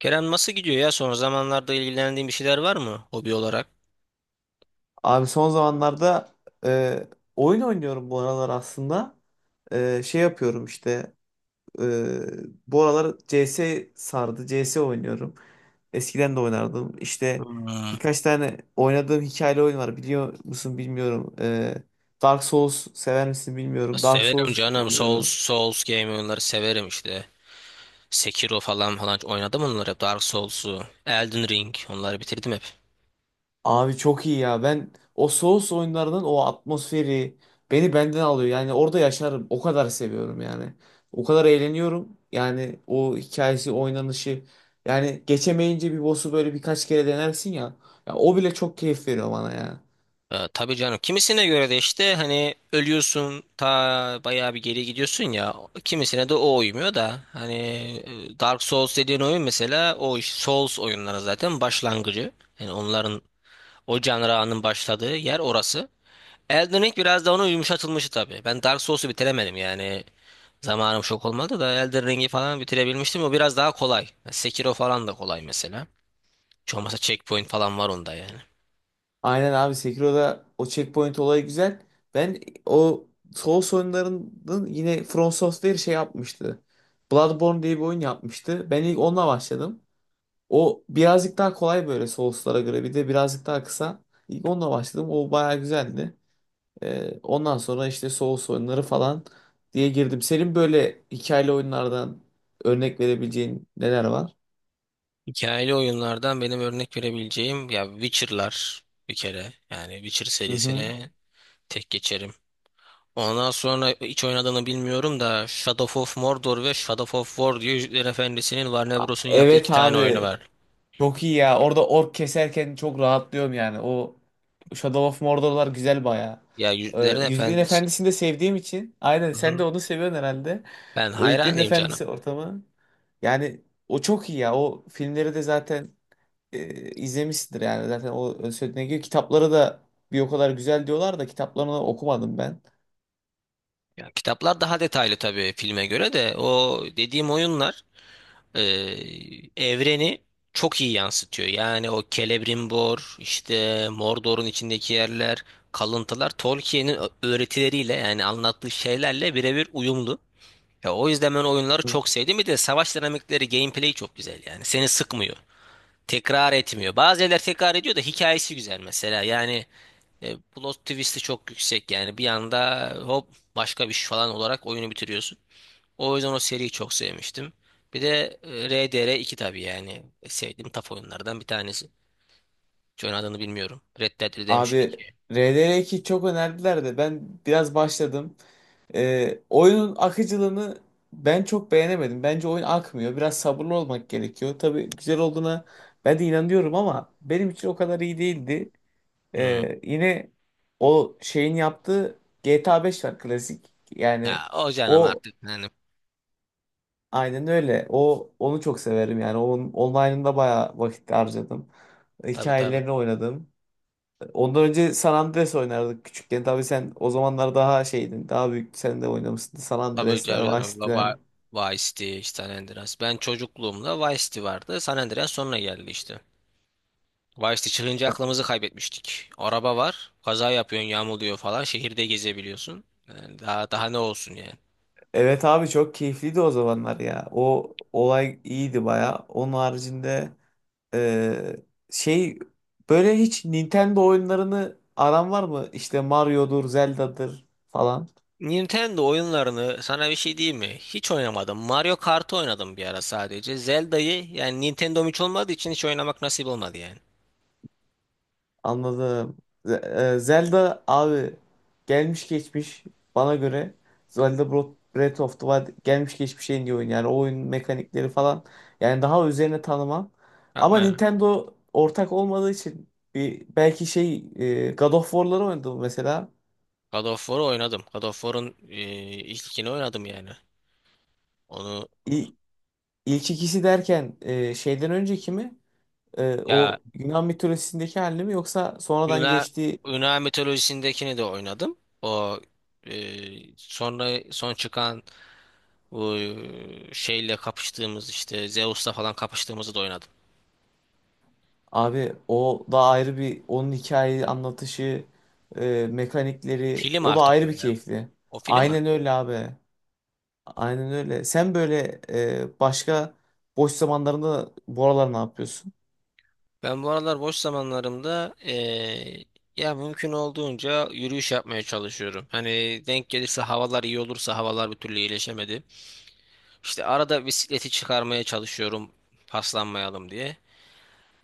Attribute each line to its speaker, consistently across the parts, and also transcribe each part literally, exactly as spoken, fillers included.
Speaker 1: Kerem nasıl gidiyor ya? Son zamanlarda ilgilendiğin bir şeyler var mı hobi olarak?
Speaker 2: Abi son zamanlarda e, oyun oynuyorum bu aralar aslında. E, şey yapıyorum işte e, bu aralar C CS sardı. C S oynuyorum. Eskiden de oynardım. İşte
Speaker 1: Hmm.
Speaker 2: birkaç tane oynadığım hikayeli oyun var. Biliyor musun bilmiyorum. E, Dark Souls sever misin bilmiyorum. Dark
Speaker 1: Severim
Speaker 2: Souls
Speaker 1: canım. Souls,
Speaker 2: oynuyorum.
Speaker 1: Souls game oyunları severim işte. Sekiro falan falan oynadım onları hep. Dark Souls'u, Elden Ring onları bitirdim hep.
Speaker 2: Abi çok iyi ya. Ben o Souls oyunlarının o atmosferi beni benden alıyor. Yani orada yaşarım. O kadar seviyorum yani. O kadar eğleniyorum. Yani o hikayesi, oynanışı. Yani geçemeyince bir boss'u böyle birkaç kere denersin ya. Ya o bile çok keyif veriyor bana ya.
Speaker 1: Ee, tabii canım. Kimisine göre de işte hani ölüyorsun ta bayağı bir geri gidiyorsun ya. Kimisine de o uymuyor da hani e, Dark Souls dediğin oyun mesela o iş- Souls oyunları zaten başlangıcı. Yani onların o canranın başladığı yer orası. Elden Ring biraz da onun yumuşatılmışı tabii. Ben Dark Souls'u bitiremedim yani. Zamanım çok olmadı da Elden Ring'i falan bitirebilmiştim. O biraz daha kolay. Sekiro falan da kolay mesela. Hiç olmazsa checkpoint falan var onda yani.
Speaker 2: Aynen abi, Sekiro'da o checkpoint olayı güzel. Ben o Souls oyunlarının yine From Software şey yapmıştı. Bloodborne diye bir oyun yapmıştı. Ben ilk onunla başladım. O birazcık daha kolay böyle Souls'lara göre. Bir de birazcık daha kısa. İlk onunla başladım. O bayağı güzeldi. Ee, ondan sonra işte Souls oyunları falan diye girdim. Senin böyle hikayeli oyunlardan örnek verebileceğin neler var?
Speaker 1: Hikayeli oyunlardan benim örnek verebileceğim ya Witcher'lar bir kere. Yani Witcher
Speaker 2: Hı hı.
Speaker 1: serisini tek geçerim. Ondan sonra hiç oynadığını bilmiyorum da Shadow of Mordor ve Shadow of War diye Yüzüklerin Efendisi'nin Warner Bros'un yaptığı
Speaker 2: Evet
Speaker 1: iki tane oyunu
Speaker 2: abi.
Speaker 1: var.
Speaker 2: Çok iyi ya. Orada ork keserken çok rahatlıyorum yani. O Shadow of Mordor'lar güzel bayağı.
Speaker 1: Ya
Speaker 2: Ee,
Speaker 1: Yüzüklerin
Speaker 2: Yüzüklerin
Speaker 1: Efendisi.
Speaker 2: Efendisi'ni de sevdiğim için. Aynen,
Speaker 1: Hı
Speaker 2: sen de
Speaker 1: hı.
Speaker 2: onu seviyorsun herhalde.
Speaker 1: Ben
Speaker 2: O Yüzüklerin
Speaker 1: hayranıyım canım.
Speaker 2: Efendisi ortamı. Yani o çok iyi ya. O filmleri de zaten e, izlemişsindir yani. Zaten o ön sözüne giriyor. Kitapları da bir o kadar güzel diyorlar da kitaplarını okumadım ben.
Speaker 1: Ya kitaplar daha detaylı tabii filme göre de o dediğim oyunlar e, evreni çok iyi yansıtıyor. Yani o Celebrimbor, işte Mordor'un içindeki yerler, kalıntılar Tolkien'in ö- öğretileriyle yani anlattığı şeylerle birebir uyumlu. Ya o yüzden ben oyunları
Speaker 2: Hı.
Speaker 1: çok sevdim. Bir de savaş dinamikleri, gameplay çok güzel yani. Seni sıkmıyor, tekrar etmiyor. Bazı yerler tekrar ediyor da hikayesi güzel mesela. Yani e, plot twist'i çok yüksek. Yani bir anda hop başka bir şey falan olarak oyunu bitiriyorsun. O yüzden o seriyi çok sevmiştim. Bir de e, R D R iki tabii yani sevdiğim taf oyunlardan bir tanesi. Hiç adını bilmiyorum. Red Dead
Speaker 2: Abi
Speaker 1: Redemption iki.
Speaker 2: R D R iki çok önerdiler de ben biraz başladım. Ee, oyunun akıcılığını ben çok beğenemedim. Bence oyun akmıyor. Biraz sabırlı olmak gerekiyor. Tabii güzel olduğuna ben de inanıyorum ama benim için o kadar iyi değildi.
Speaker 1: Hmm.
Speaker 2: Ee, yine o şeyin yaptığı G T A beş var klasik. Yani
Speaker 1: Ya o canım
Speaker 2: o
Speaker 1: artık yani,
Speaker 2: aynen öyle. O onu çok severim yani. Onun online'ında bayağı vakit harcadım.
Speaker 1: tabii tabii.
Speaker 2: Hikayelerini oynadım. Ondan önce San Andreas oynardık küçükken. Tabii sen o zamanlar daha şeydin. Daha büyük sen de oynamışsın. San
Speaker 1: Tabii
Speaker 2: Andreas'ler, Vice
Speaker 1: canım
Speaker 2: City'ler.
Speaker 1: baba Vice City, işte San Andreas. Ben çocukluğumda Vice City vardı. San Andreas sonra geldi işte. Vice'de çıkınca aklımızı kaybetmiştik. Araba var, kaza yapıyorsun, yağmalıyor falan, şehirde gezebiliyorsun. Yani daha daha ne olsun yani.
Speaker 2: Evet abi, çok keyifliydi o zamanlar ya. O olay iyiydi baya. Onun haricinde e, şey, böyle hiç Nintendo oyunlarını aran var mı? İşte Mario'dur, Zelda'dır falan.
Speaker 1: Nintendo oyunlarını sana bir şey diyeyim mi? Hiç oynamadım. Mario Kart'ı oynadım bir ara sadece. Zelda'yı yani Nintendo'm hiç olmadığı için hiç oynamak nasip olmadı yani.
Speaker 2: Anladım. Z- e, Zelda abi gelmiş geçmiş bana göre Zelda Bro- Breath of the Wild gelmiş geçmiş en iyi oyun. Yani o oyun mekanikleri falan, yani daha üzerine tanımam. Ama
Speaker 1: Yapma ya.
Speaker 2: Nintendo ortak olmadığı için bir belki şey, e, God of War'ları oynadım mesela.
Speaker 1: God of War'u oynadım. God of War'un e, ilk ikini oynadım yani. Onu
Speaker 2: İ- İlk ikisi derken e, şeyden önceki mi? E,
Speaker 1: ya
Speaker 2: o Yunan mitolojisindeki halini mi yoksa sonradan
Speaker 1: Yunan
Speaker 2: geçtiği?
Speaker 1: Yunan mitolojisindekini de oynadım. O e, sonra son çıkan bu e, şeyle kapıştığımız işte Zeus'la falan kapıştığımızı da oynadım.
Speaker 2: Abi o da ayrı, bir onun hikaye anlatışı, e, mekanikleri,
Speaker 1: Film
Speaker 2: o da
Speaker 1: artık o
Speaker 2: ayrı bir
Speaker 1: ya.
Speaker 2: keyifli.
Speaker 1: O film
Speaker 2: Aynen
Speaker 1: artık.
Speaker 2: öyle abi. Aynen öyle. Sen böyle e, başka boş zamanlarında bu aralar ne yapıyorsun?
Speaker 1: Ben bu aralar boş zamanlarımda eee, ya mümkün olduğunca yürüyüş yapmaya çalışıyorum. Hani denk gelirse havalar iyi olursa havalar bir türlü iyileşemedi. İşte arada bisikleti çıkarmaya çalışıyorum paslanmayalım diye.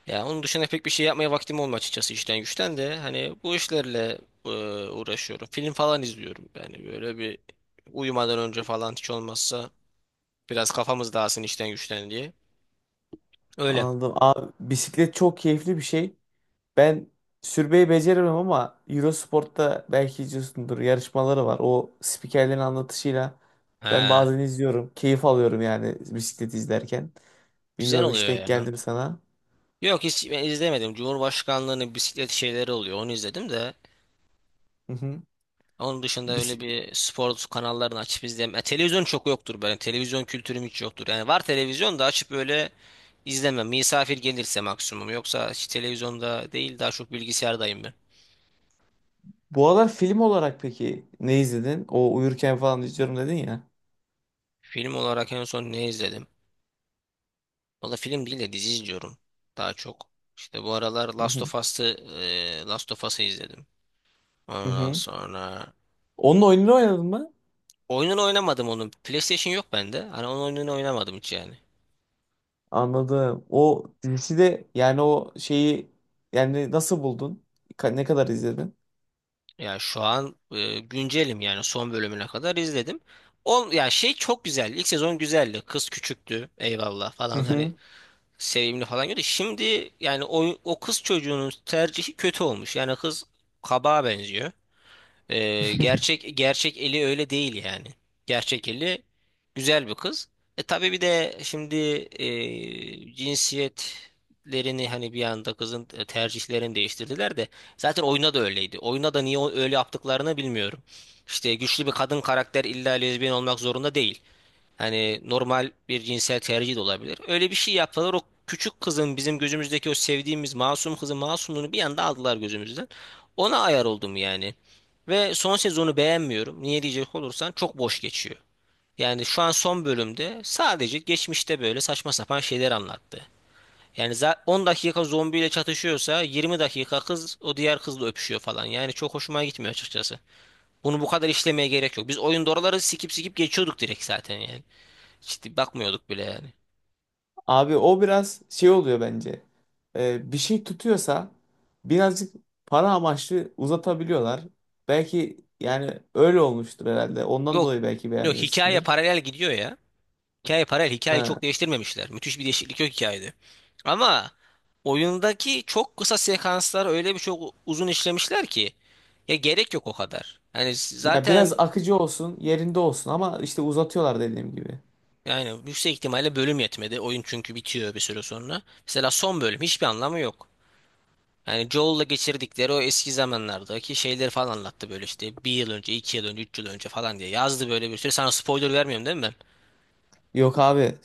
Speaker 1: Ya onun dışında pek bir şey yapmaya vaktim olmuyor açıkçası işten güçten de hani bu işlerle eee, uğraşıyorum. Film falan izliyorum yani böyle bir uyumadan önce falan hiç olmazsa biraz kafamız dağılsın işten güçten diye. Öyle.
Speaker 2: Anladım. Abi bisiklet çok keyifli bir şey. Ben sürmeyi beceremem ama Eurosport'ta belki izliyorsundur, yarışmaları var. O spikerlerin anlatışıyla ben
Speaker 1: He.
Speaker 2: bazen izliyorum. Keyif alıyorum yani bisiklet izlerken.
Speaker 1: Güzel
Speaker 2: Bilmiyorum, hiç
Speaker 1: oluyor
Speaker 2: denk
Speaker 1: yani.
Speaker 2: geldim sana.
Speaker 1: Yok hiç ben izlemedim. Cumhurbaşkanlığının bisiklet şeyleri oluyor. Onu izledim de.
Speaker 2: Hı hı.
Speaker 1: Onun dışında öyle
Speaker 2: Bis-
Speaker 1: bir spor kanallarını açıp izleyemem. E, televizyon çok yoktur benim. Televizyon kültürüm hiç yoktur. Yani var televizyon da açıp böyle izlemem. Misafir gelirse maksimum. Yoksa hiç televizyonda değil daha çok bilgisayardayım ben.
Speaker 2: Bu aralar film olarak peki ne izledin? O uyurken falan izliyorum dedin ya.
Speaker 1: Film olarak en son ne izledim? Valla film değil de dizi izliyorum. Daha çok. İşte bu aralar
Speaker 2: Hı
Speaker 1: Last
Speaker 2: hı.
Speaker 1: of Us'ı, e, Last of Us'ı izledim.
Speaker 2: Hı
Speaker 1: Ondan
Speaker 2: hı.
Speaker 1: sonra
Speaker 2: Onun oyununu oynadın mı?
Speaker 1: oyununu oynamadım onun. PlayStation yok bende. Hani onun oyununu oynamadım hiç yani.
Speaker 2: Anladım. O dizisi de, yani o şeyi, yani nasıl buldun? Ka- Ne kadar izledin?
Speaker 1: Ya şu an e, güncelim yani son bölümüne kadar izledim. On, ya şey çok güzel. İlk sezon güzeldi. Kız küçüktü. Eyvallah
Speaker 2: Hı
Speaker 1: falan hani
Speaker 2: hı.
Speaker 1: sevimli falan gördü. Şimdi yani o, o kız çocuğunun tercihi kötü olmuş. Yani kız kabağa benziyor. Ee, gerçek gerçek Eli öyle değil yani. Gerçek Eli güzel bir kız. E tabii bir de şimdi e, cinsiyetlerini hani bir anda kızın e, tercihlerini değiştirdiler de zaten oyuna da öyleydi. Oyuna da niye o- öyle yaptıklarını bilmiyorum. İşte güçlü bir kadın karakter illa lezbiyen olmak zorunda değil. Hani normal bir cinsel tercih de olabilir. Öyle bir şey yaptılar. O küçük kızın bizim gözümüzdeki o sevdiğimiz masum kızın masumluğunu bir anda aldılar gözümüzden. Ona ayar oldum yani. Ve son sezonu beğenmiyorum. Niye diyecek olursan çok boş geçiyor. Yani şu an son bölümde sadece geçmişte böyle saçma sapan şeyler anlattı. Yani za- on dakika zombiyle çatışıyorsa yirmi dakika kız o diğer kızla öpüşüyor falan. Yani çok hoşuma gitmiyor açıkçası. Bunu bu kadar işlemeye gerek yok. Biz oyunda oraları sikip sikip geçiyorduk direkt zaten yani. Ciddi bakmıyorduk bile yani.
Speaker 2: Abi o biraz şey oluyor bence. Ee, bir şey tutuyorsa birazcık para amaçlı uzatabiliyorlar. Belki, yani öyle olmuştur herhalde. Ondan
Speaker 1: Yok.
Speaker 2: dolayı belki
Speaker 1: Yok, hikaye
Speaker 2: beğenmemişsindir.
Speaker 1: paralel gidiyor ya. Hikaye paralel. Hikayeyi
Speaker 2: Ha.
Speaker 1: çok değiştirmemişler. Müthiş bir değişiklik yok hikayede. Ama oyundaki çok kısa sekanslar öyle bir çok uzun işlemişler ki ya gerek yok o kadar. Yani
Speaker 2: Ya biraz
Speaker 1: zaten
Speaker 2: akıcı olsun, yerinde olsun ama işte uzatıyorlar dediğim gibi.
Speaker 1: yani yüksek ihtimalle bölüm yetmedi. Oyun çünkü bitiyor bir süre sonra. Mesela son bölüm hiçbir anlamı yok. Yani Joel'la geçirdikleri o eski zamanlardaki şeyleri falan anlattı böyle işte bir yıl önce, iki yıl önce, üç yıl önce falan diye yazdı böyle bir sürü. Sana spoiler vermiyorum, değil mi?
Speaker 2: Yok abi,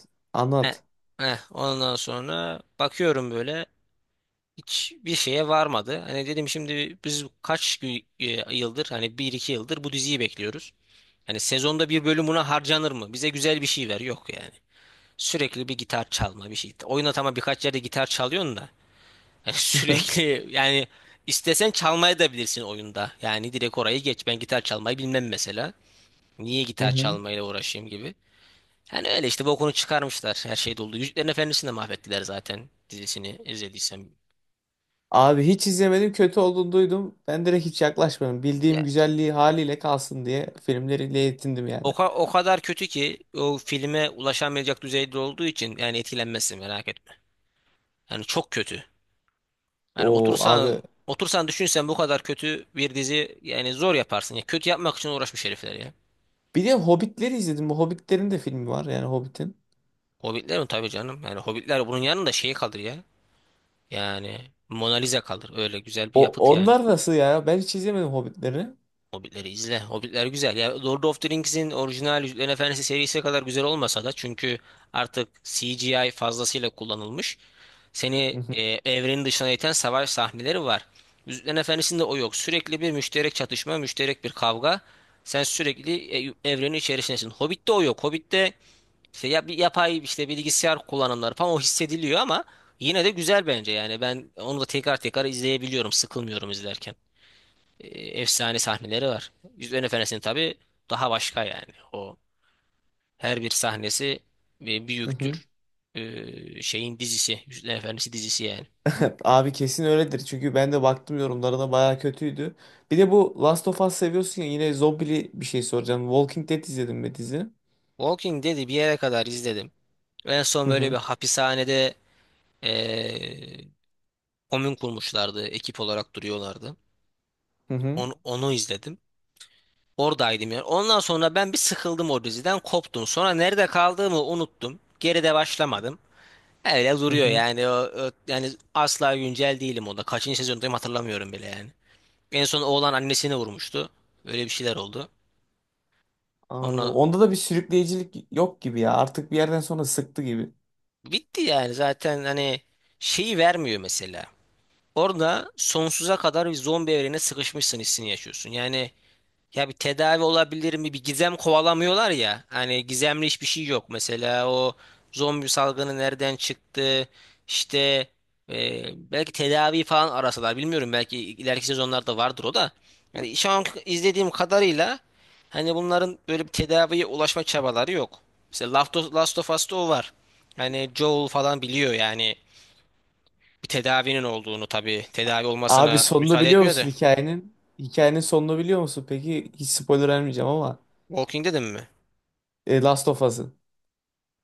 Speaker 1: Ne?
Speaker 2: anlat.
Speaker 1: Heh, ondan sonra bakıyorum böyle hiçbir şeye varmadı. Hani dedim şimdi biz kaç gü- e, yıldır hani bir iki yıldır bu diziyi bekliyoruz. Hani sezonda bir bölüm buna harcanır mı? Bize güzel bir şey ver. Yok yani. Sürekli bir gitar çalma bir şey. Oyuna tamam birkaç yerde gitar çalıyorsun da. Hani
Speaker 2: Hı
Speaker 1: sürekli yani istesen çalmayı da bilirsin oyunda. Yani direkt orayı geç. Ben gitar çalmayı bilmem mesela. Niye gitar
Speaker 2: hı.
Speaker 1: çalmayla uğraşayım gibi. Yani öyle işte bokunu çıkarmışlar. Her şey doldu. Yüzüklerin Efendisi'ni de mahvettiler zaten dizisini izlediysem.
Speaker 2: Abi hiç izlemedim, kötü olduğunu duydum. Ben direkt hiç yaklaşmadım. Bildiğim
Speaker 1: Ya,
Speaker 2: güzelliği haliyle kalsın diye filmleriyle yetindim yani.
Speaker 1: o, ka- o kadar kötü ki o filme ulaşamayacak düzeyde olduğu için yani etkilenmezsin merak etme. Yani çok kötü. Yani
Speaker 2: O
Speaker 1: otursan
Speaker 2: abi.
Speaker 1: otursan düşünsen bu kadar kötü bir dizi yani zor yaparsın. Ya, kötü yapmak için uğraşmış herifler ya.
Speaker 2: Bir de Hobbitleri izledim. Bu Hobbitlerin de filmi var yani, Hobbit'in.
Speaker 1: Hobbitler mi tabii canım. Yani Hobbitler bunun yanında şey kalır ya. Yani Mona Lisa kalır. Öyle güzel bir
Speaker 2: O
Speaker 1: yapıt yani.
Speaker 2: onlar nasıl ya? Ben hiç izlemedim Hobbitleri.
Speaker 1: Hobbitleri izle. Hobbitler güzel. Ya Lord of the Rings'in orijinal Yüzüklerin Efendisi serisi kadar güzel olmasa da çünkü artık C G I fazlasıyla kullanılmış.
Speaker 2: Hı
Speaker 1: Seni
Speaker 2: hı.
Speaker 1: e, evrenin dışına iten savaş sahneleri var. Yüzüklerin Efendisi'nde o yok. Sürekli bir müşterek çatışma, müşterek bir kavga. Sen sürekli e, evrenin içerisindesin. Hobbit'te o yok. Hobbit'te işte ya bir yapay işte bilgisayar kullanımları falan o hissediliyor ama yine de güzel bence yani ben onu da tekrar tekrar izleyebiliyorum. Sıkılmıyorum izlerken e, efsane sahneleri var. Yüzüklerin Efendisi'nin tabii daha başka yani. O her bir sahnesi bir
Speaker 2: Hı hı.
Speaker 1: büyüktür. E, şeyin dizisi, Yüzüklerin Efendisi dizisi yani.
Speaker 2: Abi kesin öyledir. Çünkü ben de baktım yorumlarına, bayağı kötüydü. Bir de bu Last of Us seviyorsun ya, yine zombili bir şey soracağım. Walking Dead izledin mi dizi?
Speaker 1: Walking Dead'i bir yere kadar izledim. En son
Speaker 2: Hı
Speaker 1: böyle
Speaker 2: hı.
Speaker 1: bir hapishanede e, komün kurmuşlardı. Ekip olarak duruyorlardı.
Speaker 2: Hı hı.
Speaker 1: Onu, onu izledim. Oradaydım yani. Ondan sonra ben bir sıkıldım o diziden, koptum. Sonra nerede kaldığımı unuttum. Geride başlamadım. Öyle
Speaker 2: Hı
Speaker 1: duruyor
Speaker 2: hı.
Speaker 1: yani. O, o- yani asla güncel değilim o da. Kaçıncı sezondayım hatırlamıyorum bile yani. En son oğlan annesini vurmuştu. Öyle bir şeyler oldu. Ona
Speaker 2: Anladım. Onda da bir sürükleyicilik yok gibi ya. Artık bir yerden sonra sıktı gibi.
Speaker 1: bitti yani zaten hani şeyi vermiyor mesela. Orada sonsuza kadar bir zombi evrene sıkışmışsın hissini yaşıyorsun. Yani ya bir tedavi olabilir mi? Bir gizem kovalamıyorlar ya. Hani gizemli hiçbir şey yok. Mesela o zombi salgını nereden çıktı? İşte e, belki tedavi falan arasalar. Bilmiyorum belki ileriki sezonlarda vardır o da. Yani şu an izlediğim kadarıyla hani bunların böyle bir tedaviye ulaşma çabaları yok. Mesela Last of Last of Us'ta o var. Hani Joel falan biliyor yani bir tedavinin olduğunu tabii. Tedavi
Speaker 2: Abi
Speaker 1: olmasına
Speaker 2: sonunu
Speaker 1: müsaade
Speaker 2: biliyor
Speaker 1: etmiyor da.
Speaker 2: musun hikayenin? Hikayenin sonunu biliyor musun? Peki, hiç spoiler vermeyeceğim ama
Speaker 1: Walking dedim mi?
Speaker 2: e, Last of Us'ın.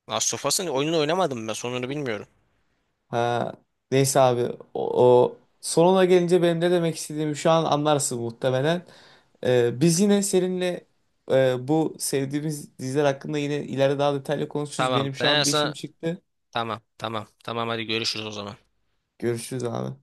Speaker 1: Last of Us'ın oyununu oynamadım, ben sonunu bilmiyorum.
Speaker 2: Ha, neyse abi, o, o sonuna gelince benim ne demek istediğimi şu an anlarsın muhtemelen. Ee, biz yine seninle e, bu sevdiğimiz diziler hakkında yine ileride daha detaylı konuşuruz.
Speaker 1: Tamam,
Speaker 2: Benim şu
Speaker 1: ben
Speaker 2: an bir işim
Speaker 1: sana
Speaker 2: çıktı.
Speaker 1: tamam tamam tamam hadi görüşürüz o zaman.
Speaker 2: Görüşürüz abi.